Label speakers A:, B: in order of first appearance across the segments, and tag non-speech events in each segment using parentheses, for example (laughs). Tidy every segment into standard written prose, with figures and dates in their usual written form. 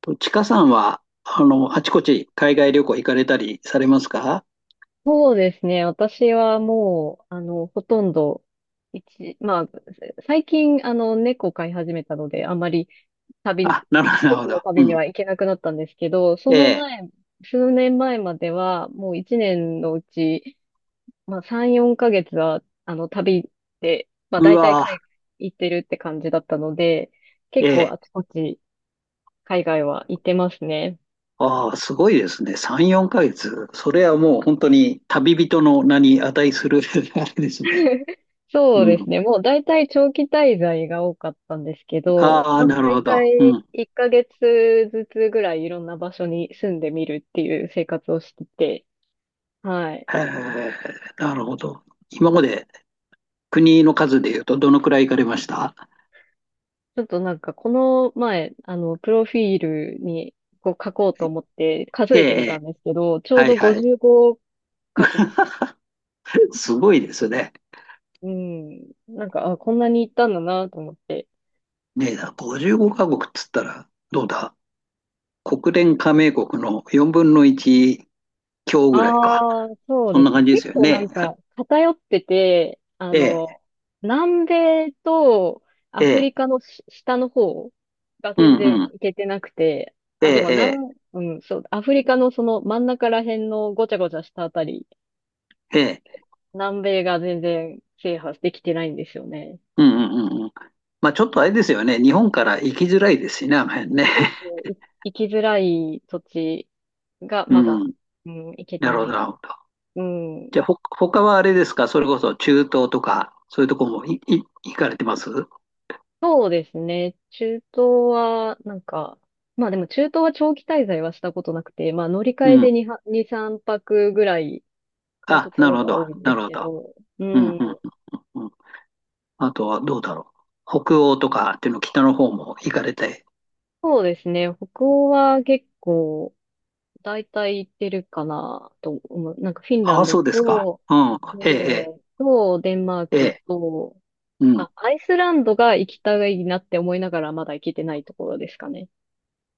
A: ちかさんは、あちこち海外旅行行かれたりされますか？
B: そうですね。私はもう、ほとんど、まあ、最近、猫飼い始めたので、あんまり旅、
A: あ、なるほど、なるほ
B: 時の
A: ど。
B: 旅に
A: うん。
B: は行けなくなったんですけど、そ
A: え
B: の
A: え。
B: 前、数年前までは、もう一年のうち、まあ、3、4ヶ月は、旅で、まあ、
A: う
B: 大体
A: わ、
B: 海外行ってるって感じだったので、
A: え
B: 結構
A: え。
B: あちこち海外は行ってますね。
A: ああ、すごいですね。3、4ヶ月。それはもう本当に旅人の名に値する (laughs) あれですね。
B: (laughs)
A: う
B: そうです
A: ん。
B: ね。もう大体長期滞在が多かったんですけど、
A: ああ、
B: まあ
A: なる
B: 大
A: ほど。う
B: 体
A: ん。
B: 1ヶ月ずつぐらいいろんな場所に住んでみるっていう生活をしてて、はい。
A: へえ、なるほど。今まで国の数で言うとどのくらい行かれました？
B: ちょっとなんかこの前、プロフィールにこう書こうと思って数
A: ええ、
B: えてみ
A: え
B: た
A: え。
B: んですけど、ちょう
A: はい、
B: ど
A: はい。
B: 55カ国、
A: (laughs) すごいですね。
B: うん、なんか、あ、こんなに行ったんだなと思って、
A: ねえ、55カ国っつったらどうだ、国連加盟国の4分の1強ぐらいか。
B: ああ、そう
A: そん
B: で
A: な
B: すね。
A: 感じで
B: 結
A: すよ
B: 構な
A: ね。
B: んか偏ってて、
A: ええ、
B: 南米とア
A: え
B: フ
A: え、
B: リカの下の方が
A: う
B: 全
A: ん
B: 然
A: うん、
B: 行けてなくて、
A: え
B: あ、でも
A: え、
B: うん、そう、アフリカのその真ん中ら辺のごちゃごちゃしたあたり、
A: ええ、ええ、
B: 南米が全然制覇できてないんですよね。
A: うんうんうんうん。まあちょっとあれですよね。日本から行きづらいですしね、あの辺ね。
B: そうそう、行きづらい土地が
A: (laughs) う
B: まだ、
A: ん、
B: うん、行けて
A: なるほ
B: な
A: ど、な
B: い。
A: るほど。
B: うん、
A: じゃあ、他はあれですか、それこそ中東とか、そういうとこも行かれてます？
B: そうですね。中東は、なんか、まあでも中東は長期滞在はしたことなくて、まあ乗り換
A: う
B: え
A: ん。
B: で2、2、3泊ぐらいの
A: あ、
B: とこ
A: な
B: ろ
A: るほ
B: が
A: ど、
B: 多いんで
A: な
B: す
A: るほ
B: け
A: ど。
B: ど、う
A: うんうん
B: ん。
A: うんうん。あとはどうだろう。北欧とかっていうの北の方も行かれて。
B: そうですね。北欧は結構、大体行ってるかなと思う。なんかフィンラ
A: ああ、
B: ンド
A: そうですか。
B: と、
A: うん。
B: ノ
A: ええ、
B: ルウェ
A: え
B: ーと、デンマー
A: え
B: ク
A: え、
B: と、
A: うん。
B: あ、アイスランドが行きたいなって思いながらまだ行けてないところですかね。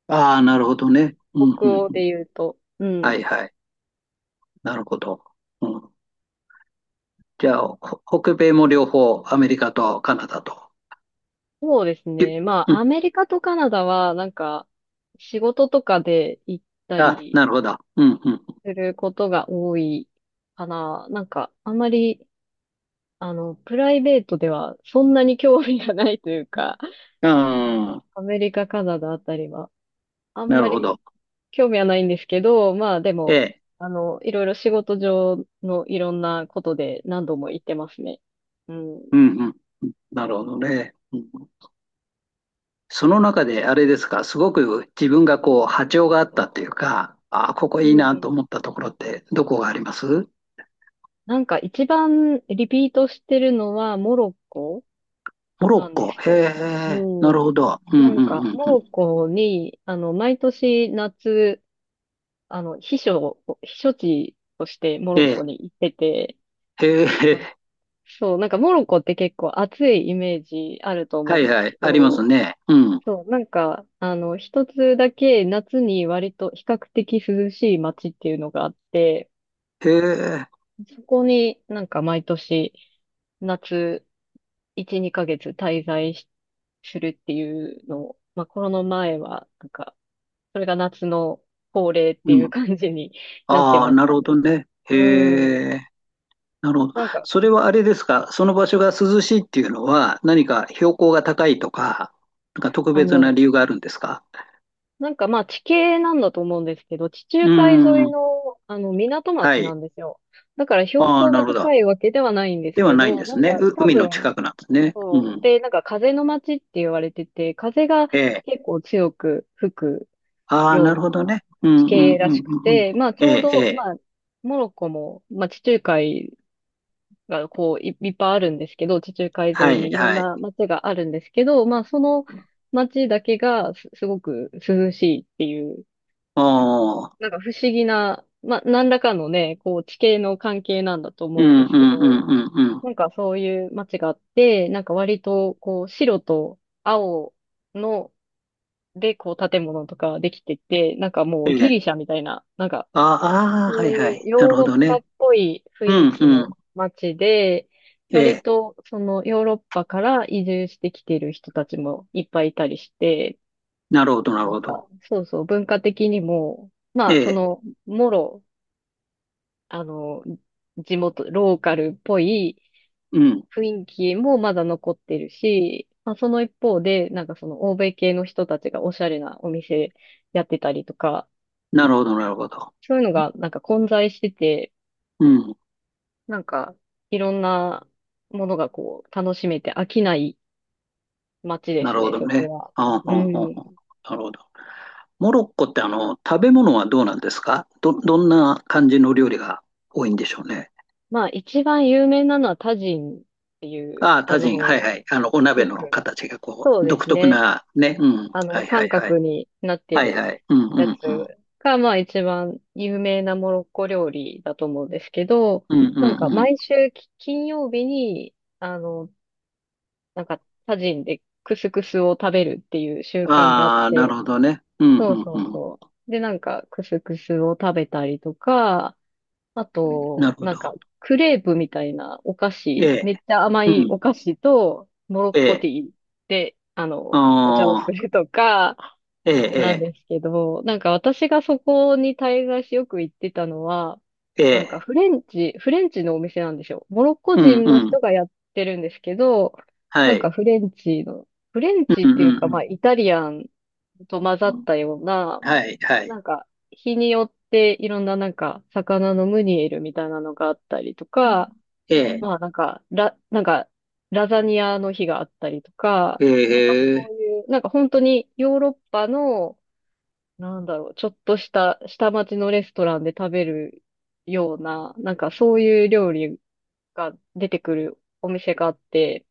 A: ああ、なるほどね。うん、
B: 北
A: うん、
B: 欧
A: うん。
B: で言うと。う
A: はい、
B: ん。
A: はい。なるほど。うん。じゃあ、北米も両方、アメリカとカナダと。
B: そうです
A: い
B: ね。ま
A: う
B: あ、ア
A: ん。
B: メリカとカナダは、なんか、仕事とかで行った
A: あ、
B: り
A: なるほど。うん、う
B: することが多いかな。なんか、あまり、プライベートではそんなに興味がないというか、
A: ん。
B: ちょ
A: ああ、
B: アメリカ、カナダあたりは、あん
A: な
B: ま
A: るほ
B: り
A: ど。
B: 興味はないんですけど、まあ、で
A: え
B: も、
A: え、
B: いろいろ仕事上のいろんなことで何度も行ってますね。うん。
A: うん、うん。なるほどね。うん。その中で、あれですか、すごく自分がこう、波長があったっていうか、ああ、ここ
B: う
A: いいなと
B: ん。
A: 思ったところって、どこがあります？
B: なんか一番リピートしてるのはモロッコ。
A: モロ
B: な
A: ッ
B: んで
A: コ。
B: す
A: へ
B: よ。
A: え、な
B: う
A: る
B: ん。
A: ほど。うん、
B: な
A: うん、
B: ん
A: う
B: か、
A: ん。
B: モ
A: うん
B: ロッコに、毎年夏、避暑地としてモ
A: え
B: ロッ
A: え、
B: コに行ってて、
A: へ
B: あ
A: え、
B: そう、なんかモロッコって結構暑いイメージあると
A: は
B: 思う
A: い
B: んです
A: はい、
B: け
A: あります
B: ど、
A: ね。うん。
B: そう、なんか、一つだけ夏に割と比較的涼しい街っていうのがあって、
A: へえ、
B: そこになんか毎年夏1、2ヶ月滞在するっていうのを、まあコロナ前はなんかそれが夏の恒例ってい
A: う
B: う
A: ん。
B: 感じになって
A: ああ、
B: まし
A: なる
B: た
A: ほ
B: ね。
A: どね。へ
B: うん。
A: え、なるほど。
B: なんか、
A: それはあれですか、その場所が涼しいっていうのは、何か標高が高いとか、なんか特
B: あ
A: 別な
B: の、
A: 理由があるんですか？
B: なんかまあ地形なんだと思うんですけど、地
A: う
B: 中
A: ー
B: 海沿い
A: ん、
B: の、港
A: は
B: 町な
A: い。
B: んですよ。だから標
A: ああ、
B: 高
A: な
B: が
A: るほ
B: 高
A: ど。
B: いわけではないんです
A: では
B: け
A: ないん
B: ど、
A: で
B: な
A: す
B: ん
A: ね。
B: か多
A: 海の
B: 分
A: 近くなんですね。う
B: そう。
A: ん。
B: で、なんか風の街って言われてて、風が
A: ええ。
B: 結構強く吹く
A: ああ、
B: よう
A: なる
B: な
A: ほどね。うん
B: 地
A: うん
B: 形ら
A: う
B: し
A: ん
B: く
A: うん
B: て、まあ
A: う
B: ち
A: ん。
B: ょ
A: え
B: う
A: え、え
B: ど、
A: え。
B: まあ、モロッコも、まあ地中海がいっぱいあるんですけど、地中海
A: は
B: 沿い
A: い
B: にいろん
A: はい。
B: な街があるんですけど、まあその街だけがすごく涼しいっていう、
A: おー
B: なんか不思議な、まあ何らかのね、こう地形の関係なんだと
A: う
B: 思うん
A: ん
B: で
A: うん
B: すけ
A: うん
B: ど、
A: うんうん。
B: なんかそういう街があって、なんか割とこう白と青のでこう建物とかできてて、なんかもう
A: え
B: ギ
A: え
B: リシャみたいな、なんか
A: ああー、は
B: そ
A: い
B: う
A: は
B: い
A: い。
B: う
A: な
B: ヨー
A: るほ
B: ロッ
A: ど
B: パ
A: ね。
B: っぽい雰
A: う
B: 囲
A: ん、
B: 気
A: う
B: の
A: ん。
B: 街で、
A: え
B: 割
A: え。
B: とそのヨーロッパから移住してきてる人たちもいっぱいいたりして、
A: なるほど、なる
B: なん
A: ほ
B: か
A: ど。
B: そうそう文化的にも、
A: え
B: まあそ
A: え。
B: のもろ、あの、地元、ローカルっぽい、
A: うん。
B: 雰囲気もまだ残ってるし、まあ、その一方で、なんかその欧米系の人たちがおしゃれなお店やってたりとか、
A: なるほど、なるほど。
B: そういうのがなんか混在してて、
A: うん。
B: なんかいろんなものがこう楽しめて飽きない街で
A: な
B: す
A: るほ
B: ね、
A: ど
B: そこ
A: ね。
B: は。
A: ああ、あ
B: う
A: ああ
B: ん。
A: あ、なるほど。モロッコって食べ物はどうなんですか、どんな感じの料理が多いんでしょうね。
B: まあ一番有名なのはタジンっていう、
A: ああ、タジン。はいはい。お鍋
B: よ
A: の
B: く、
A: 形がこ
B: そう
A: う、
B: で
A: 独
B: す
A: 特
B: ね。
A: なね。うん。はいは
B: 三
A: いはい。
B: 角になって
A: はい
B: る
A: はい。うんう
B: やつ
A: んうん。
B: が、まあ一番有名なモロッコ料理だと思うんですけど、
A: うんう
B: なんか
A: んう
B: 毎週金曜日に、あの、なんかタジンでクスクスを食べるっていう習
A: ん。
B: 慣があっ
A: ああ、なる
B: て、
A: ほどね。うん
B: そうそ
A: う
B: う
A: ん
B: そう。で、なんかクスクスを食べたりとか、あ
A: うん。な
B: と、
A: るほ
B: な
A: ど。
B: んかクレープみたいなお菓
A: え
B: 子、
A: え。
B: めっちゃ甘
A: う
B: い
A: ん。
B: お菓子と、モロッ
A: え
B: コテ
A: え、
B: ィーで、お茶を
A: あ
B: す
A: あ、
B: るとか、
A: え
B: なんで
A: え、
B: すけど、なんか私がそこに滞在しよく行ってたのは、
A: ええ、え
B: なんか
A: え、
B: フレンチのお店なんですよ。モロッコ
A: うん
B: 人
A: う
B: の
A: ん、
B: 人がやってるんですけど、
A: は
B: なん
A: い、
B: かフレンチ
A: う
B: っ
A: ん
B: ていうか
A: う
B: まあ
A: ん
B: イタリアンと混ざ
A: う
B: っ
A: ん、
B: たような、
A: はい、はい、
B: なんか日によっていろんななんか魚のムニエルみたいなのがあったりとか、
A: ええ、
B: まあなんかなんかラザニアの日があったりとか、
A: え
B: なんかそ
A: え、
B: ういう、なんか本当にヨーロッパのなんだろう、ちょっとした下町のレストランで食べるような、なんかそういう料理が出てくるお店があって、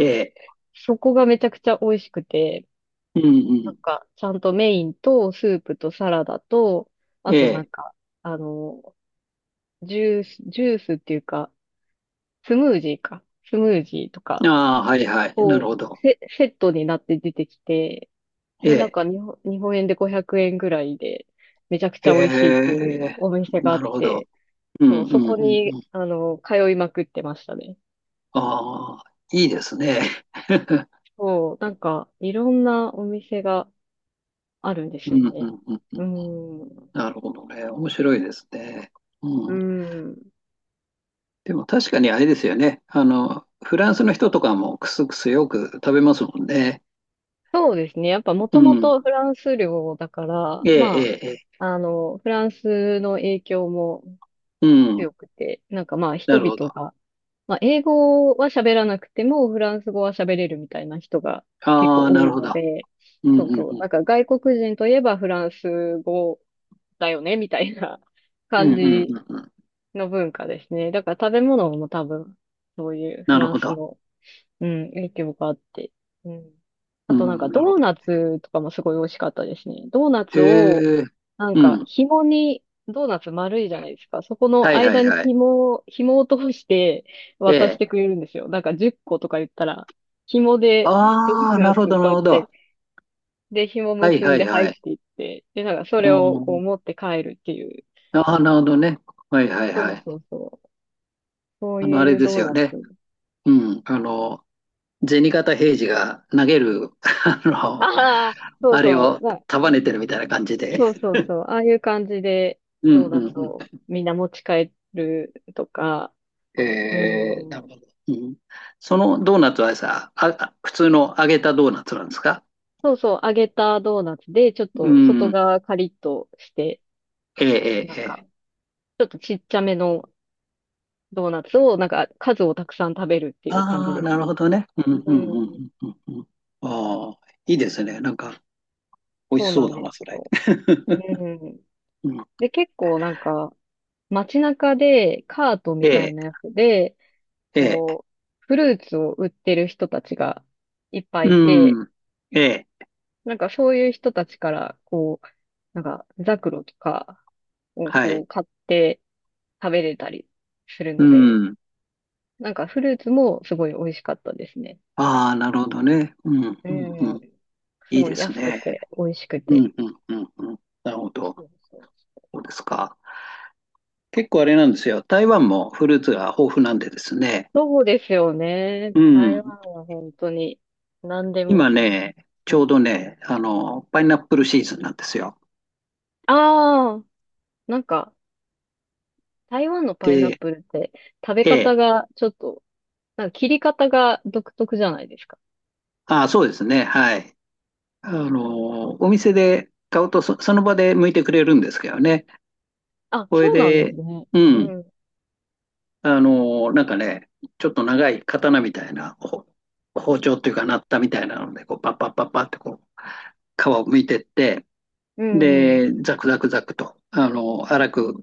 A: ええ、
B: そこがめちゃくちゃ美味しくて、
A: うんう
B: なん
A: ん、
B: かちゃんとメインとスープとサラダと、あ
A: え
B: となん
A: え、
B: か、あの、ジュースっていうか、スムージーか、スムージーとか、
A: ああ、はいはい、なる
B: こ
A: ほ
B: う、
A: ど、
B: セットになって出てきて、
A: え
B: で、なん
A: え、
B: か日本円で500円ぐらいで、めちゃくち
A: え
B: ゃ美味しいっていう
A: え、
B: お店があ
A: な
B: っ
A: るほど、
B: て、
A: う
B: そ
A: ん
B: う、
A: う
B: そ
A: んう
B: こ
A: ん
B: に、
A: うん、
B: 通いまくってましたね。
A: ああ、いいです
B: う
A: ね、
B: んそう、なんか、いろんなお店があるんで
A: (laughs)
B: す
A: う
B: よ
A: んうんう
B: ね。
A: んうん、
B: うん。
A: なるほどね、面白いですね、
B: う
A: うん、
B: ん。
A: でも確かにあれですよね、フランスの人とかもクスクスよく食べますもんね。
B: そうですね。やっぱも
A: う
B: とも
A: ん。
B: とフランス領だから、
A: ええ、
B: ま
A: ええ、ええ。
B: あ、フランスの影響も
A: うん。
B: 強くて、なんかまあ
A: な
B: 人
A: るほ
B: 々
A: ど。
B: がまあ、英語は喋らなくても、フランス語は喋れるみたいな人が結
A: あ
B: 構
A: あ、
B: 多
A: なる
B: い
A: ほ
B: の
A: ど。
B: で、
A: うん、
B: そう
A: うん、
B: そう。
A: う
B: な
A: ん。
B: んか外国人といえばフランス語だよね、みたいな (laughs)
A: う
B: 感
A: ん、うん、う
B: じ
A: ん。うん、
B: の文化ですね。だから食べ物も多分、そういうフ
A: なる
B: ラン
A: ほ
B: ス
A: ど。
B: の、うん、影響があって。うん。
A: う
B: あとなんか
A: ん、なるほ
B: ドー
A: ど。
B: ナツとかもすごい美味しかったですね。ドーナツを、
A: へえ。
B: なん
A: う
B: か、
A: ん。
B: 紐に、ドーナツ丸いじゃないですか。そこ
A: は
B: の
A: い、は
B: 間
A: い、
B: に
A: はい。
B: 紐を通して
A: え
B: 渡してく
A: え。
B: れるんですよ。なんか10個とか言ったら、紐でドー
A: ああ、
B: ナ
A: なるほ
B: ツを
A: ど、な
B: こう
A: る
B: やっ
A: ほど。
B: て、で、紐
A: はい、
B: 結
A: は
B: ん
A: い、
B: で入
A: は
B: っ
A: い。
B: ていって、で、なんかそ
A: う
B: れをこう
A: ん。
B: 持って帰るっていう。
A: ああ、なるほどね。はい、はい、
B: そ
A: は
B: う
A: い。
B: そうそう。そう
A: あ
B: い
A: れ
B: う
A: で
B: ド
A: す
B: ー
A: よ
B: ナツ。
A: ね。うん。銭形平次が投げる、(laughs) あの、
B: ああ、そう
A: あれ
B: そう。
A: を束ねて
B: す
A: るみたいな感じで。
B: そうそうそう。ああいう感じで
A: うん、
B: ドー
A: う
B: ナ
A: ん、
B: ツ
A: うん。
B: をみんな持ち帰るとか、う
A: えー、なる
B: ん。
A: ほど。うん、そのドーナツはさ、あ普通の揚げたドーナツなんですか？
B: そうそう、揚げたドーナツで、ちょっ
A: う
B: と外
A: ん。
B: 側カリッとして、
A: ええ、え
B: なん
A: え、え
B: か、
A: え。
B: ちょっとちっちゃめのドーナツを、なんか、数をたくさん食べるっていう感じ
A: ああ、
B: です
A: な
B: ね。
A: るほどね。うん、
B: う
A: うん、
B: ん、
A: うん、うん、うん。ああ、いいですね。なんか、美味
B: そ
A: し
B: う
A: そ
B: な
A: う
B: ん
A: だ
B: です
A: な、それ。
B: よ。う
A: (laughs)
B: ん。
A: うん、
B: で、結構なんか、街中でカート
A: え
B: みたい
A: え、
B: なやつで、
A: ええ。
B: こう、フルーツを売ってる人たちがいっぱいいて、
A: うん。ええ、
B: なんかそういう人たちから、こう、なんか、ザクロとかを
A: は
B: こ
A: い。
B: う買って食べれたりする
A: う
B: ので、
A: ん。
B: なんかフルーツもすごい美味しかったですね。
A: ああ、なるほどね。うん、
B: う
A: うん、う
B: ん。
A: ん。
B: す
A: いい
B: ご
A: で
B: い
A: す
B: 安く
A: ね。
B: て美味しく
A: う
B: て。
A: ん、うん、うん、うん。なるほど。
B: そうそうそう。
A: そうですか。結構あれなんですよ。台湾もフルーツが豊富なんでですね。
B: ですよね。
A: う
B: 台湾
A: ん。
B: は本当に何で
A: 今
B: も
A: ね、ち
B: い
A: ょう
B: い。
A: どね、パイナップルシーズンなんですよ。
B: ああ、なんか台湾のパイナッ
A: で、
B: プルって食べ
A: え
B: 方
A: え。
B: がちょっと、なんか切り方が独特じゃないですか。
A: ああ、そうですね。はい。お店で買うとその場で剥いてくれるんですけどね。
B: あ、
A: これ
B: そうなんです
A: で、
B: ね。
A: う
B: う
A: ん。
B: ん。
A: なんかね、ちょっと長い刀みたいな、包丁っていうかなったみたいなので、こう、パッパッパッパッってこう、皮を剥いてって、
B: うんうん。
A: で、ザクザクザクと、粗く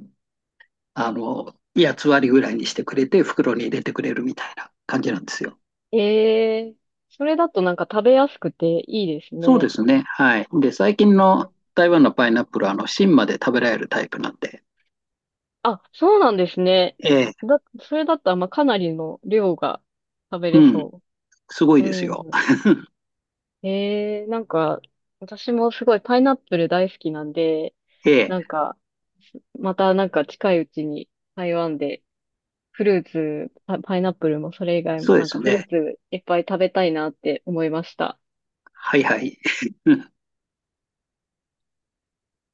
A: 8つ割ぐらいにしてくれて、袋に入れてくれるみたいな感じなんですよ。
B: ええ、それだとなんか食べやすくていいです
A: そうで
B: ね。
A: すね。はい。で、最近
B: う
A: の
B: ん、
A: 台湾のパイナップルは、芯まで食べられるタイプなんで、
B: あ、そうなんですね。
A: ええ、
B: それだったら、まあ、かなりの量が食べ
A: う
B: れ
A: ん、
B: そ
A: すご
B: う。
A: い
B: う
A: ですよ。
B: ん。ええ、なんか、私もすごいパイナップル大好きなんで、
A: ええ、
B: なんか、またなんか近いうちに台湾でフルーツ、パイナップルもそれ以外
A: そ
B: も
A: うで
B: なんか
A: す
B: フルー
A: ね。
B: ツいっぱい食べたいなって思いました。
A: はいはい。(laughs)